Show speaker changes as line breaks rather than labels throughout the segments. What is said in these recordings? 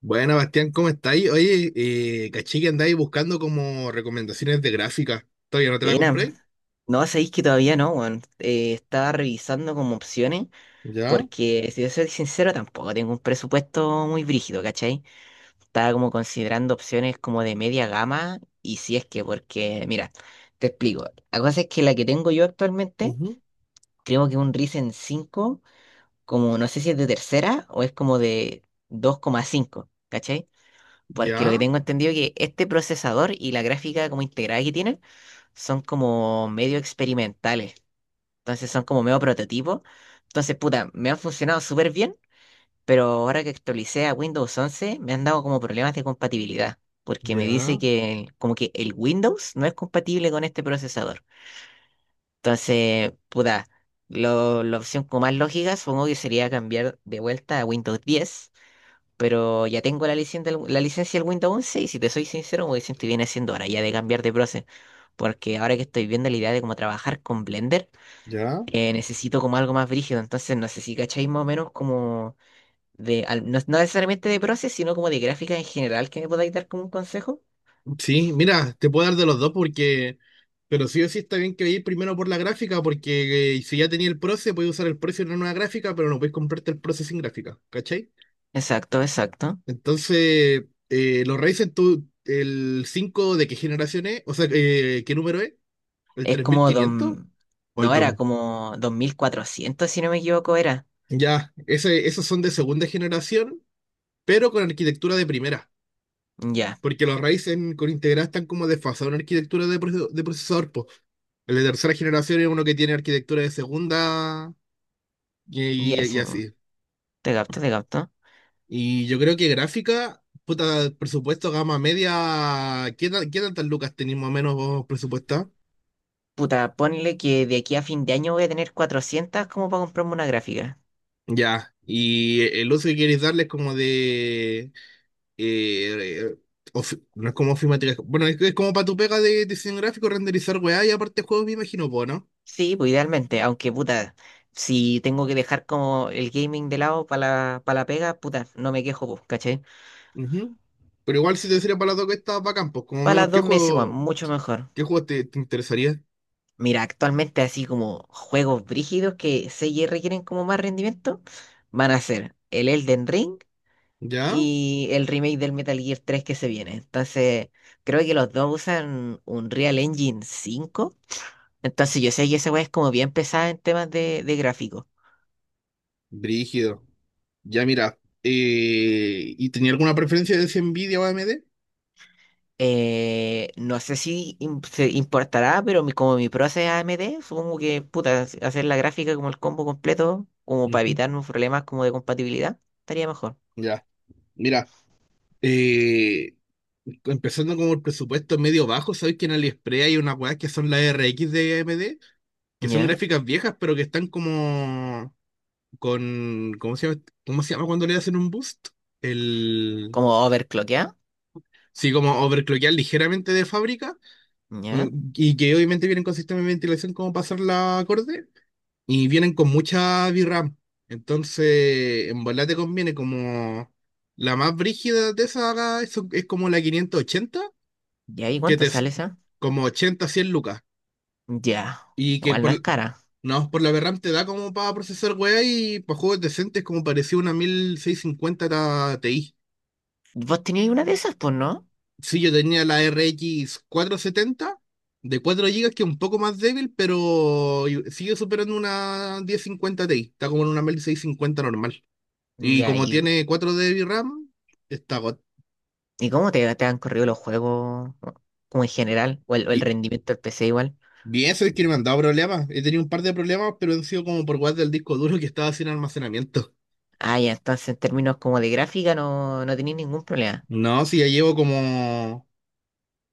Bueno, Bastián, ¿cómo estáis? Oye, caché que andáis buscando como recomendaciones de gráfica. ¿Todavía no te la
Buena.
compré?
No, sabéis que todavía no, weón. Estaba revisando como opciones,
¿Ya?
porque si yo soy sincero, tampoco tengo un presupuesto muy brígido, ¿cachai? Estaba como considerando opciones como de media gama, y si es que, porque, mira, te explico. La cosa es que la que tengo yo actualmente,
Ujú.
creo que un Ryzen cinco como no sé si es de tercera o es como de dos coma cinco, ¿cachai? Porque lo que
¿Ya?
tengo entendido es que este procesador y la gráfica como integrada que tienen son como medio experimentales. Entonces son como medio prototipos. Entonces, puta, me han funcionado súper bien, pero ahora que actualicé a Windows once, me han dado como problemas de compatibilidad, porque me dice
¿Ya?
que como que el Windows no es compatible con este procesador. Entonces, puta, la opción como más lógica supongo que sería cambiar de vuelta a Windows diez, pero ya tengo la licencia del Windows once y si te soy sincero, me siento bien haciendo ahora ya de cambiar de proceso, porque ahora que estoy viendo la idea de cómo trabajar con Blender,
¿Ya?
necesito como algo más brígido. Entonces, no sé si cacháis más o menos como de, no, no necesariamente de proces, sino como de gráfica en general que me podáis dar como un consejo.
Sí, mira, te puedo dar de los dos. Porque... Pero sí o sí está bien que vayáis primero por la gráfica porque si ya tenía el Proce, podéis usar el Proce en una nueva gráfica, pero no podéis comprarte el Proce sin gráfica, ¿cachai?
Exacto, exacto.
Entonces, los Ryzen, tú, el 5 de qué generación es, o sea, ¿qué número es? ¿El
Es
tres mil
como
quinientos
don,
o el
no era
2?
como 2400 si no me equivoco, era.
Ya, esos son de segunda generación, pero con arquitectura de primera,
Ya,
porque los Ryzen con Integra están como desfasados en arquitectura de procesador, po. El de tercera generación es uno que tiene arquitectura de segunda y, y-
ya,
y
sí.
así.
Te capto, te capto.
Y yo creo que gráfica, puta, presupuesto gama media, ¿qué tantas lucas tenéis más o menos vos presupuestado?
Puta, ponle que de aquí a fin de año voy a tener 400 como para comprarme una gráfica.
Ya, y el uso que queréis darles como de eh, eh, no es como afirmativa. Bueno, es como para tu pega de diseño gráfico, renderizar weá y aparte juegos, me imagino, po, ¿no?
Sí, pues idealmente, aunque puta, si tengo que dejar como el gaming de lado para para la pega, puta, no me quejo, pues, ¿cachai?
Ujú. Pero igual si te sirve para las dos, que estás bacán, pues como
Para
menos,
las
¿qué
dos meses, weón,
juego,
mucho mejor.
qué juego te interesaría?
Mira, actualmente así como juegos brígidos que se requieren como más rendimiento, van a ser el Elden Ring
¿Ya?
y el remake del Metal Gear 3 que se viene. Entonces, creo que los dos usan un Real Engine 5. Entonces, yo sé que esa weá es como bien pesada en temas de gráfico.
Brígido. Ya, mira. ¿Y tenía alguna preferencia de si Nvidia o AMD?
No sé si se importará, pero como mi proceso es AMD, supongo que puta, hacer la gráfica como el combo completo, como para
Ujú.
evitarnos problemas como de compatibilidad, estaría mejor.
Ya. Mira, eh, empezando como el presupuesto medio bajo, ¿sabes que en AliExpress hay unas weas que son las RX de AMD? Que son
¿Ya?
gráficas viejas, pero que están como con, ¿cómo se llama? ¿Cómo se llama cuando le hacen un boost? El,
Como overclockear.
sí, como overclockear ligeramente de fábrica,
¿Ya?
y que obviamente vienen con sistema de ventilación como pasar la acorde y vienen con mucha VRAM. Entonces, en volar te conviene como la más brígida de esa, es como la 580,
Ya, ¿y
que
cuánto
te es
sale esa?
como 80 100 lucas
Ya.
y que
Igual no es
por,
cara.
no, por la VRAM te da como para procesar weá y para juegos decentes, como parecía una 1650 Ti.
¿Vos teníais una de esas? Pues no.
Sí, yo tenía la RX setenta de 4 gigas, que es un poco más débil, pero sigue superando una 1050 Ti. Está como en una 1650 normal. Y
Ya,
como tiene 4 gigas de RAM, está
y cómo te, te han corrido los juegos? Como en general, o el
bi-
rendimiento del PC igual.
bien. Eso es que no me han dado problemas. He tenido un par de problemas, pero han sido como por guardar del disco duro, que estaba sin almacenamiento.
Ah, ya, entonces en términos como de gráfica no, no tenéis ningún problema.
No, sí, ya llevo como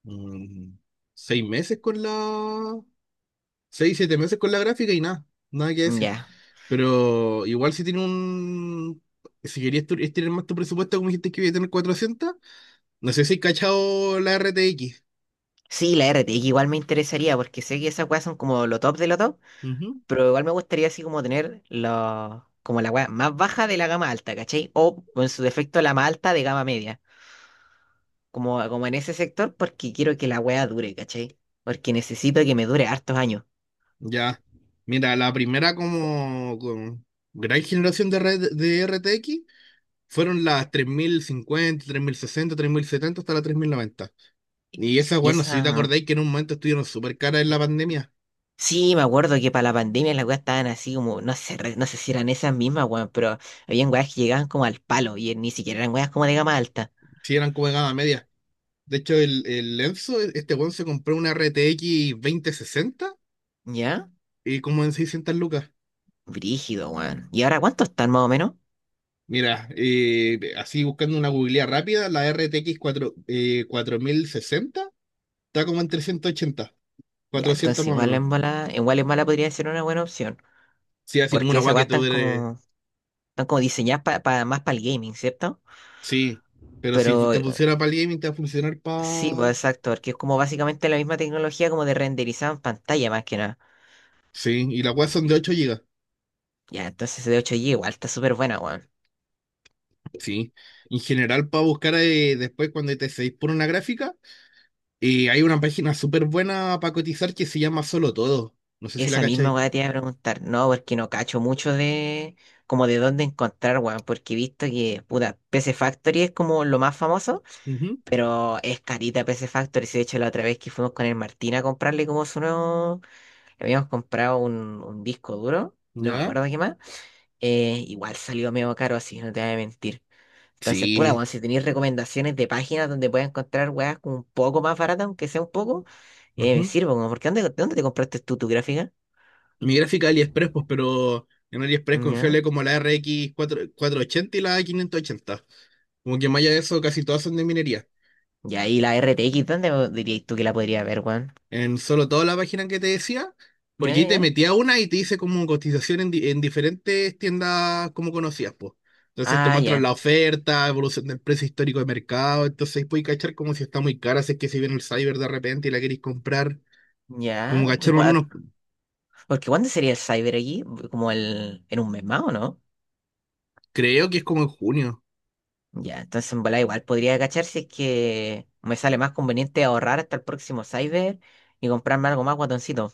mm, 6 meses con la, seis, 7 meses con la gráfica y nada, nada que decir.
Ya.
Pero igual, si querías estirar más tu presupuesto, como dijiste que iba a tener 400, no sé si has cachado la RTX.
Sí, la RTX igual me interesaría porque sé que esas weas son como lo top de lo top,
Ujú.
pero igual me gustaría así como tener lo, como la wea más baja de la gama alta, ¿cachai? O en su defecto la más alta de gama media, como, como en ese sector porque quiero que la wea dure, ¿cachai? Porque necesito que me dure hartos años.
Ya. Mira, la primera como, gran generación de RTX fueron las tres mil cincuenta, 3060, 3070, hasta la 3090. Y esas,
Y
bueno, si te
esa...
acordáis que en un momento estuvieron súper caras en la pandemia.
Sí, me acuerdo que para la pandemia las weas estaban así como, no sé, no sé si eran esas mismas weas, pero habían weas que llegaban como al palo y ni siquiera eran weas como de gama alta.
Si eran como de gama media. De hecho, el Enzo, este weón se compró una RTX sesenta
¿Ya?
y como en 600 lucas.
Brígido, weón. ¿Y ahora cuánto están más o menos?
Mira, así buscando una googlea rápida, la RTX 4060 está como en 380,
Ya,
400
entonces
más o menos.
igual en bala podría ser una buena opción,
Sí, así como
porque
una weá
esas
que
weas
te dure.
están como diseñadas más para el gaming, ¿cierto?
Sí, pero si
Pero
te funciona para el gaming, te va a funcionar
sí, pues
para.
exacto, porque es como básicamente la misma tecnología como de renderizado en pantalla más que nada.
Sí, y las weas son de 8 gigas.
Ya, entonces de 8 G igual está súper buena, weón.
Sí, en general, para buscar después cuando te seguís por una gráfica. Y hay una página súper buena para cotizar que se llama Solo Todo. No sé si la
Esa misma
cacháis.
wea te iba a preguntar, no, porque no cacho mucho de como de dónde encontrar, weón, porque he visto que, puta, PC Factory es como lo más famoso,
Ujú.
pero es carita PC Factory, si de hecho la otra vez que fuimos con el Martín a comprarle como su nuevo. Habíamos comprado un disco duro, y no me
¿Ya?
acuerdo qué más. Igual salió medio caro así, no te voy a mentir. Entonces, puta,
Sí.
bueno, si tenéis recomendaciones de páginas donde puedas encontrar weas como un poco más baratas, aunque sea un poco, me
Ujú.
sirvo, como, porque ¿dónde, dónde te compraste tú tu gráfica?
Mi gráfica, de AliExpress, pues, pero en AliExpress confiable
Ya.
como la R X cuatro ochenta y la 580. Como que más allá de eso, casi todas son de minería.
Ya, ¿y ahí la RTX, dónde dirías tú que la podría ver, Juan?
En solo toda la página que te decía,
Ya,
porque ahí
ya,
te
ya.
metía una y te dice como cotización en diferentes tiendas como conocías, pues. Entonces te
Ah,
muestran
ya,
la oferta, evolución del precio histórico de mercado, entonces ahí puedes cachar como si está muy cara, si es que si viene el cyber de repente y la queréis comprar, como
ya. Uy,
cachar más o
gua-.
menos.
Porque ¿cuándo sería el Cyber aquí? Como el, ¿en un mes más, o no?
Creo que es como en junio.
Ya, entonces en volada igual podría cachar si es que me sale más conveniente ahorrar hasta el próximo Cyber y comprarme algo más guatoncito.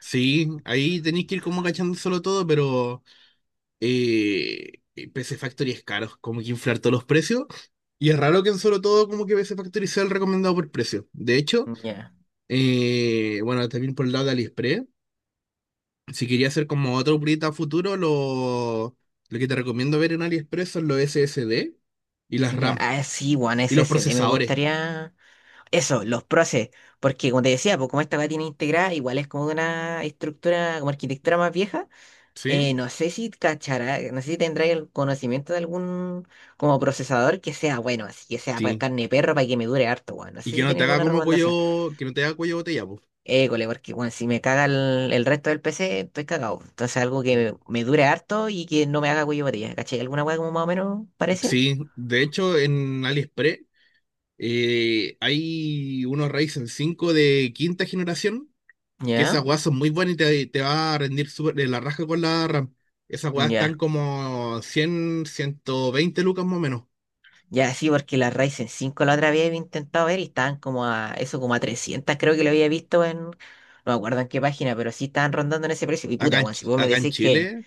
Sí, ahí tenéis que ir como cachando solo todo, pero eh, PC Factory es caro, como que inflar todos los precios. Y es raro que en solo todo como que PC Factory sea el recomendado por precio. De hecho,
Ya,
Bueno, también por el lado de AliExpress. Si quería hacer como otro proyecto a futuro, lo que te recomiendo ver en AliExpress son los SSD y las
ya,
RAM
ah, sí, One
y los
SSD me
procesadores.
gustaría. Eso, los proces, porque como te decía, pues como esta va tiene integrada, igual es como de una estructura, como arquitectura más vieja.
¿Sí?
No sé si cachará, no sé si tendrá el conocimiento de algún como procesador que sea bueno, así que sea para
Sí.
carne de perro para que me dure harto, weón. No
Y
sé
que
si
no
tiene
te haga
alguna
como
recomendación.
cuello, que no te haga cuello de botella, pues.
École, porque bueno, si me caga el resto del PC, estoy cagado. Entonces algo
Sí.
que me dure harto y que no me haga cuello de botella. ¿Cachai? ¿Alguna weá como más o menos parecía?
Sí, de hecho en AliExpress hay unos Ryzen 5 de quinta generación, que esas
Ya,
weas son muy buenas y te va a rendir súper de la raja con la RAM. Esas weas están
ya,
como cien, ciento veinte lucas más o menos.
ya, sí, porque la Ryzen cinco la otra vez había intentado ver y estaban como a eso, como a 300, creo que lo había visto en, no me acuerdo en qué página, pero sí estaban rondando en ese precio. Y
Acá
puta,
en,
weón, si
Ch-
vos me
acá en
decís que
Chile,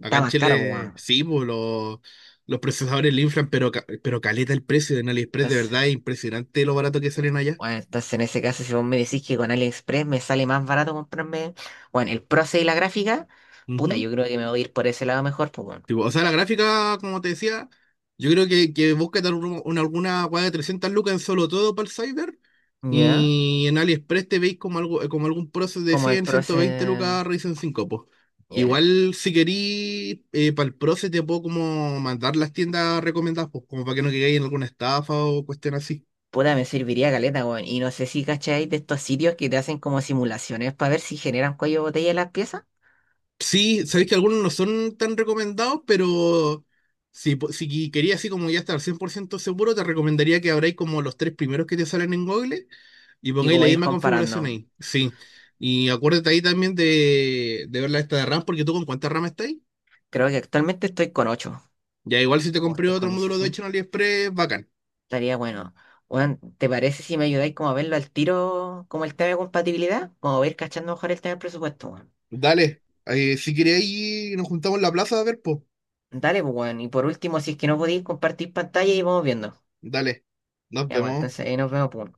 Acá en
más caro, pues,
Chile sí, pues, los procesadores le inflan, pero caleta el precio en AliExpress, de verdad
weón.
es impresionante lo barato que salen allá.
Bueno, entonces en ese caso, si vos me decís que con AliExpress me sale más barato comprarme, bueno, el proceso y la gráfica, puta,
Ujú.
yo creo que me voy a ir por ese lado mejor, pues bueno.
Tipo, o sea, la gráfica, como te decía, yo creo que busca dar alguna weá de 300 lucas en solo todo para el Cyber.
¿Ya?
Y en AliExpress te veis como algo, como algún proceso de
Como el
cien, ciento veinte
proceso...
lucas Ryzen cinco, pues.
Ya.
Igual, si querís, para el proceso te puedo como mandar las tiendas recomendadas, pues, como para que no quedéis en alguna estafa o cuestión así.
Puta, me serviría caleta, weón. Y no sé si cacháis de estos sitios que te hacen como simulaciones para ver si generan cuello de botella las piezas
Sí, sabéis que algunos no son tan recomendados, pero si quería así como ya estar 100% seguro, te recomendaría que abráis como los tres primeros que te salen en Google y
y
pongáis la
como ir
misma configuración
comparando.
ahí. Sí. Y acuérdate ahí también de ver la esta de RAM, porque tú con cuánta RAM estás.
Creo que actualmente estoy con ocho.
Ya igual si te
O
compré
estoy
otro
con
módulo de
dieciséis.
8 en AliExpress, bacán.
Estaría bueno. Weón, ¿te parece si me ayudáis como a verlo al tiro, como el tema de compatibilidad? Como a ir cachando mejor el tema del presupuesto, weón.
Dale. Si queréis, nos juntamos en la plaza a ver, pues.
Dale, pues, weón. Y por último, si es que no podéis compartir pantalla y vamos viendo.
Dale. Nos
Ya, weón,
vemos.
entonces ahí nos vemos, pues.